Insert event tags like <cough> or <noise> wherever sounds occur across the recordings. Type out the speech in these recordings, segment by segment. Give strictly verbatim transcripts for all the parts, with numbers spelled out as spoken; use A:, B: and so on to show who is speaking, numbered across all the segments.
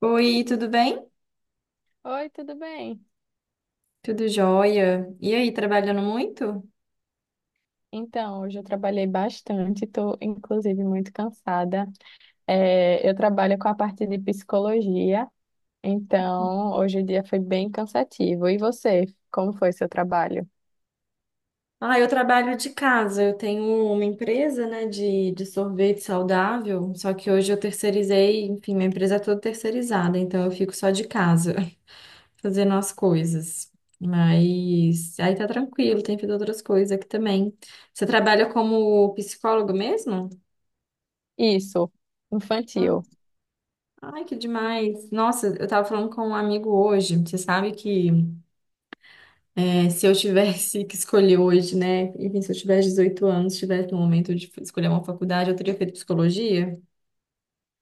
A: Oi, tudo bem?
B: Oi, tudo bem?
A: Tudo jóia? E aí, trabalhando muito?
B: Então, hoje eu trabalhei bastante, estou inclusive muito cansada. É, eu trabalho com a parte de psicologia, então hoje o dia foi bem cansativo. E você, como foi seu trabalho?
A: Ah, eu trabalho de casa. Eu tenho uma empresa, né, de, de sorvete saudável. Só que hoje eu terceirizei, enfim, minha empresa é toda terceirizada, então eu fico só de casa, <laughs> fazendo as coisas. Mas aí tá tranquilo, tem feito outras coisas aqui também. Você trabalha como psicólogo mesmo?
B: Isso,
A: Ah,
B: infantil.
A: ai, que demais. Nossa, eu tava falando com um amigo hoje. Você sabe que. É, se eu tivesse que escolher hoje, né? Enfim, se eu tivesse dezoito anos, tivesse no momento de escolher uma faculdade, eu teria feito psicologia.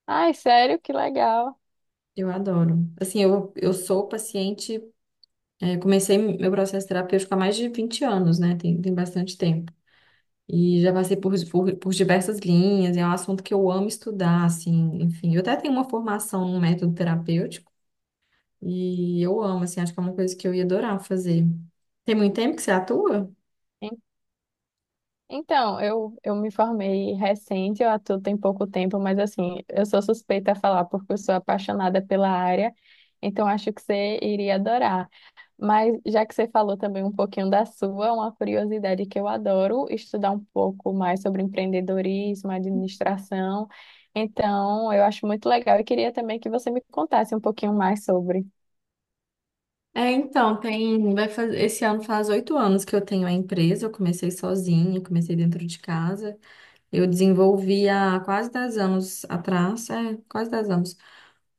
B: Ai, sério? Que legal.
A: Eu adoro. Assim, eu, eu sou paciente, é, comecei meu processo terapêutico há mais de vinte anos, né? Tem, tem bastante tempo. E já passei por, por, por diversas linhas, é um assunto que eu amo estudar, assim, enfim. Eu até tenho uma formação num método terapêutico, e eu amo, assim, acho que é uma coisa que eu ia adorar fazer. Tem muito tempo que você atua?
B: En- Então, eu, eu me formei recente, eu atuo tem pouco tempo, mas assim, eu sou suspeita a falar porque eu sou apaixonada pela área, então acho que você iria adorar. Mas já que você falou também um pouquinho da sua, uma curiosidade que eu adoro estudar um pouco mais sobre empreendedorismo, administração. Então, eu acho muito legal e queria também que você me contasse um pouquinho mais sobre.
A: É, então, tem, vai fazer, esse ano faz oito anos que eu tenho a empresa, eu comecei sozinha, comecei dentro de casa. Eu desenvolvi há quase dez anos atrás, é, quase dez anos,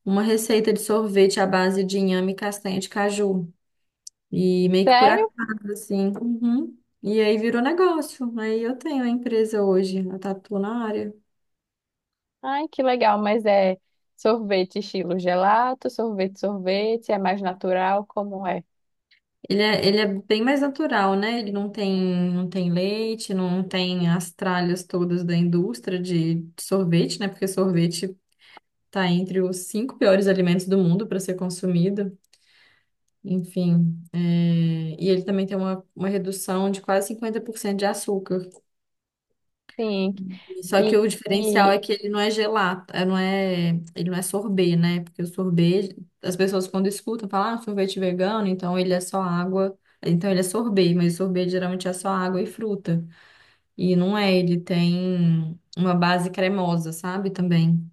A: uma receita de sorvete à base de inhame e castanha de caju. E meio que por
B: Sério?
A: acaso, assim. Uhum. E aí virou negócio. Aí eu tenho a empresa hoje, eu tatuo na área.
B: Ai, que legal, mas é sorvete estilo gelato, sorvete, sorvete, é mais natural, como é?
A: Ele é, ele é bem mais natural, né? Ele não tem, não tem leite, não tem as tralhas todas da indústria de sorvete, né? Porque sorvete tá entre os cinco piores alimentos do mundo para ser consumido. Enfim, é, e ele também tem uma, uma redução de quase cinquenta por cento de açúcar.
B: Sim.
A: Só que
B: E,
A: o diferencial é
B: e
A: que ele não é gelato, é, não é, ele não é sorbet, né? Porque o sorbet, as pessoas quando escutam, falam, ah, sorvete vegano, então ele é só água, então ele é sorbet, mas o sorbet geralmente é só água e fruta. E não é, ele tem uma base cremosa, sabe? Também.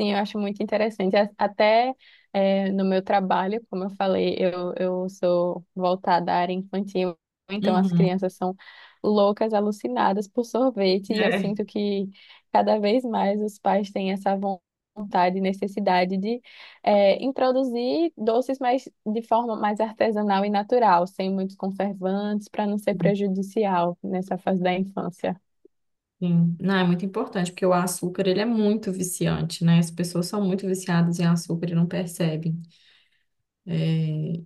B: sim, eu acho muito interessante. A- Até eh, no meu trabalho, como eu falei, eu, eu sou voltada à área infantil, então as
A: Uhum.
B: crianças são loucas, alucinadas por sorvete, e eu
A: É.
B: sinto que cada vez mais os pais têm essa von- vontade e necessidade de eh, introduzir doces, mais de forma mais artesanal e natural, sem muitos conservantes, para não ser prejudicial nessa fase da infância.
A: Sim. Não, é muito importante, porque o açúcar, ele é muito viciante, né? As pessoas são muito viciadas em açúcar e não percebem. É,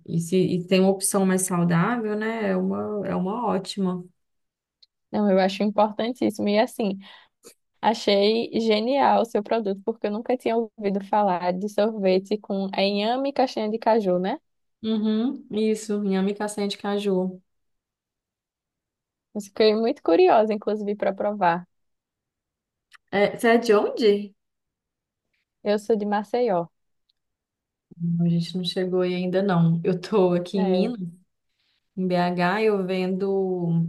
A: e se e tem uma opção mais saudável, né? É uma, é uma ótima.
B: Não, eu acho importantíssimo. E assim, achei genial o seu produto, porque eu nunca tinha ouvido falar de sorvete com inhame e castanha de caju, né?
A: Uhum, isso, inhame castanha de caju.
B: Mas fiquei muito curiosa, inclusive, para provar.
A: É, você é de onde?
B: Eu sou de Maceió.
A: Não, a gente não chegou aí ainda não. Eu tô aqui em
B: É,
A: Minas, em B H, eu vendo.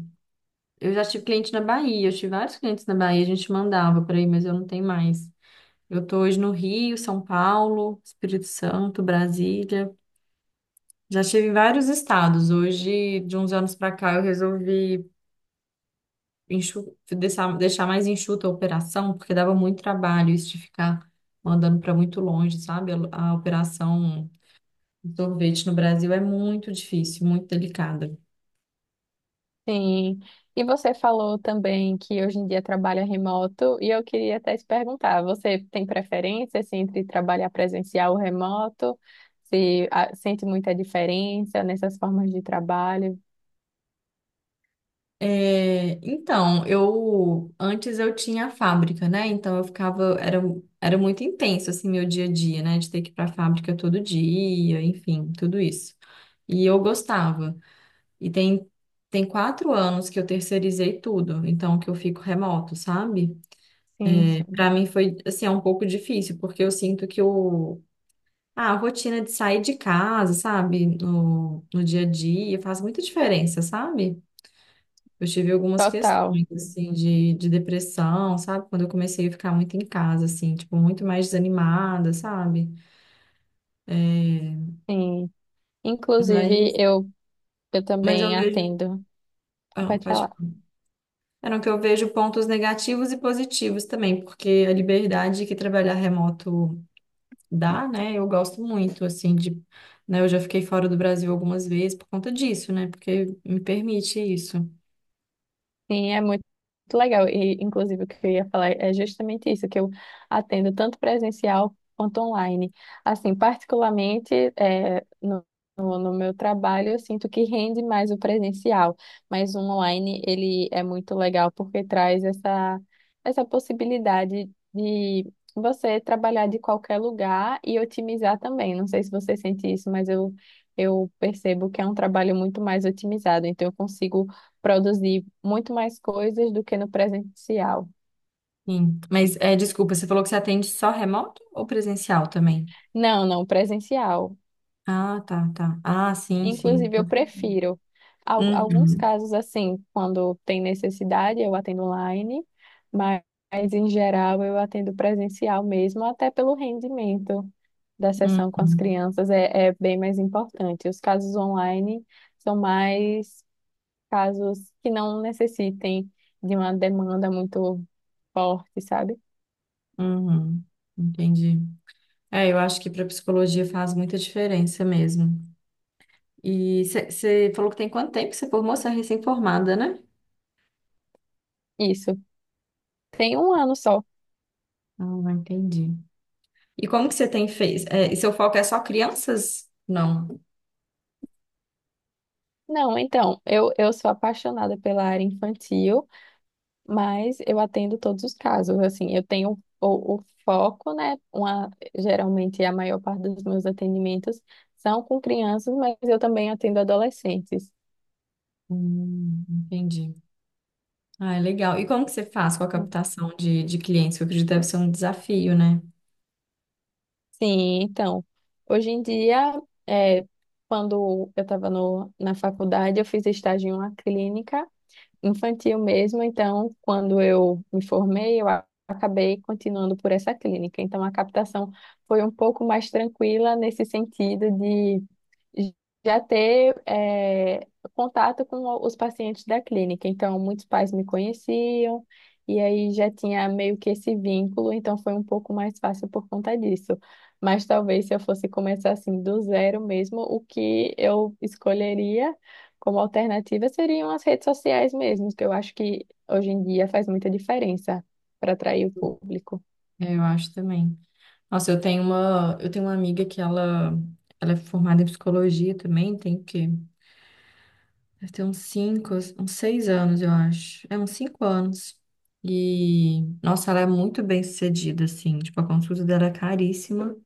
A: Eu já tive cliente na Bahia, eu tive vários clientes na Bahia, a gente mandava por aí, mas eu não tenho mais. Eu tô hoje no Rio, São Paulo, Espírito Santo, Brasília. Já estive em vários estados. Hoje, de uns anos pra cá, eu resolvi enxu- deixar, deixar mais enxuta a operação, porque dava muito trabalho isso de ficar mandando para muito longe, sabe? A, a operação de sorvete no Brasil é muito difícil, muito delicada.
B: sim. E você falou também que hoje em dia trabalha remoto, e eu queria até te perguntar, você tem preferência, assim, entre trabalhar presencial ou remoto? Se ah, sente muita diferença nessas formas de trabalho?
A: É, então, eu antes eu tinha a fábrica, né? Então eu ficava, era, era muito intenso assim meu dia a dia, né? De ter que ir para a fábrica todo dia, enfim, tudo isso. E eu gostava. E tem, tem quatro anos que eu terceirizei tudo, então que eu fico remoto, sabe?
B: Sim,
A: Para
B: sim.
A: mim foi, assim, é um pouco difícil, porque eu sinto que o, ah, a rotina de sair de casa, sabe, no, no dia a dia, faz muita diferença, sabe? Eu tive algumas
B: Total.
A: questões, assim, de, de depressão, sabe? Quando eu comecei a ficar muito em casa, assim, tipo, muito mais desanimada, sabe?
B: Sim. Inclusive,
A: Mas,
B: eu Eu
A: mas eu
B: também
A: vejo,
B: atendo.
A: ah,
B: Pode
A: pode
B: falar.
A: falar. Era que eu vejo pontos negativos e positivos também, porque a liberdade que trabalhar remoto dá, né? Eu gosto muito, assim, de, né? Eu já fiquei fora do Brasil algumas vezes por conta disso, né? Porque me permite isso.
B: Sim, é muito legal. E, inclusive, o que eu ia falar é justamente isso, que eu atendo tanto presencial quanto online. Assim, particularmente, eh, no, no, no meu trabalho, eu sinto que rende mais o presencial, mas o online, ele é muito legal porque traz essa, essa possibilidade de você trabalhar de qualquer lugar e otimizar também. Não sei se você sente isso, mas eu, eu percebo que é um trabalho muito mais otimizado. Então, eu consigo produzir muito mais coisas do que no presencial.
A: Sim. Mas, é, desculpa, você falou que você atende só remoto ou presencial também?
B: Não, não, presencial.
A: Ah, tá, tá. Ah, sim, sim.
B: Inclusive, eu prefiro. Al- Alguns
A: Uhum,
B: casos, assim, quando tem necessidade, eu atendo online, mas, mas em geral eu atendo presencial mesmo, até pelo rendimento da sessão com as
A: uhum,
B: crianças é, é bem mais importante. Os casos online são mais casos que não necessitem de uma demanda muito forte, sabe?
A: uhum. Entendi. É, eu acho que para psicologia faz muita diferença mesmo. E você falou que tem quanto tempo que você formou? Você é recém-formada, né?
B: Isso. Tem um ano só.
A: Ah, entendi. E como que você tem feito? É, e seu foco é só crianças? Não.
B: Não, então, eu, eu sou apaixonada pela área infantil, mas eu atendo todos os casos. Assim, eu tenho o, o foco, né? Uma, geralmente a maior parte dos meus atendimentos são com crianças, mas eu também atendo adolescentes.
A: Hum, entendi. Ah, é legal. E como que você faz com a captação de, de clientes? Eu acredito que deve ser um desafio, né?
B: Sim, então, hoje em dia, é, quando eu estava na faculdade, eu fiz estágio em uma clínica infantil mesmo. Então, quando eu me formei, eu a- acabei continuando por essa clínica. Então, a captação foi um pouco mais tranquila nesse sentido de já ter eh, contato com o- os pacientes da clínica. Então, muitos pais me conheciam. E aí já tinha meio que esse vínculo, então foi um pouco mais fácil por conta disso. Mas talvez se eu fosse começar assim do zero mesmo, o que eu escolheria como alternativa seriam as redes sociais mesmo, que eu acho que hoje em dia faz muita diferença para atrair o público.
A: É, eu acho também. Nossa, eu tenho uma, eu tenho uma amiga que ela, ela é formada em psicologia também, tem o quê? Deve ter uns cinco, uns seis anos, eu acho. É, uns cinco anos. E, nossa, ela é muito bem sucedida, assim. Tipo, a consulta dela é caríssima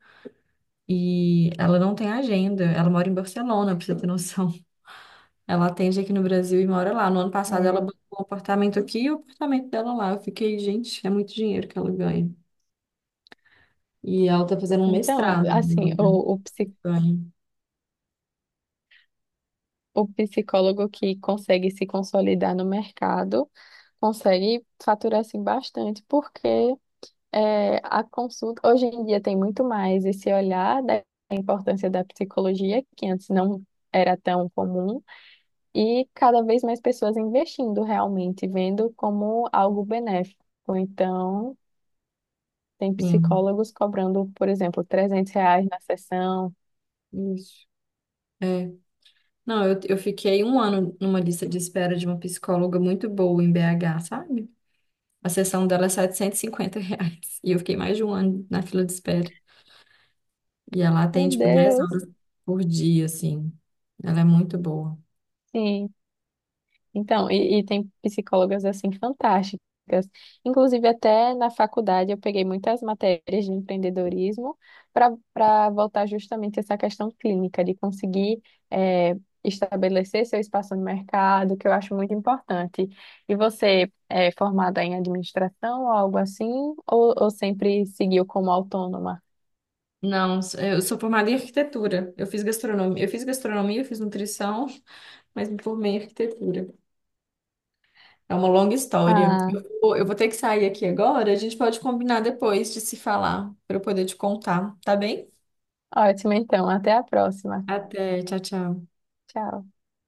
A: e ela não tem agenda. Ela mora em Barcelona, pra você ter noção. Ela atende aqui no Brasil e mora lá. No ano passado ela
B: É,
A: bancou um apartamento aqui e o apartamento dela lá. Eu fiquei, gente, é muito dinheiro que ela ganha. E ela tá fazendo um
B: então,
A: mestrado
B: assim,
A: agora.
B: o, o, psi-
A: Ganha.
B: o psicólogo que consegue se consolidar no mercado consegue faturar assim, bastante, porque é, a consulta hoje em dia tem muito mais esse olhar da importância da psicologia, que antes não era tão comum. E cada vez mais pessoas investindo realmente, vendo como algo benéfico. Então, tem
A: Sim,
B: psicólogos cobrando, por exemplo, trezentos reais na sessão.
A: isso. É. Não, eu, eu fiquei um ano numa lista de espera de uma psicóloga muito boa em B H, sabe? A sessão dela é setecentos e cinquenta reais. E eu fiquei mais de um ano na fila de espera. E ela
B: Meu
A: atende, tipo, dez
B: Deus!
A: horas por dia, assim. Ela é muito boa.
B: Sim, então, e, e tem psicólogas assim fantásticas. Inclusive, até na faculdade eu peguei muitas matérias de empreendedorismo para para voltar justamente essa questão clínica, de conseguir eh, estabelecer seu espaço no mercado, que eu acho muito importante. E você é formada em administração ou algo assim, ou, ou sempre seguiu como autônoma?
A: Não, eu sou formada em arquitetura. Eu fiz gastronomia, eu fiz gastronomia, eu fiz nutrição, <laughs> mas me formei em arquitetura. É uma longa história.
B: Ah,
A: Eu vou, eu vou ter que sair aqui agora. A gente pode combinar depois de se falar, para eu poder te contar, tá bem?
B: ótimo, então. Até a próxima.
A: Até, tchau, tchau.
B: Tchau.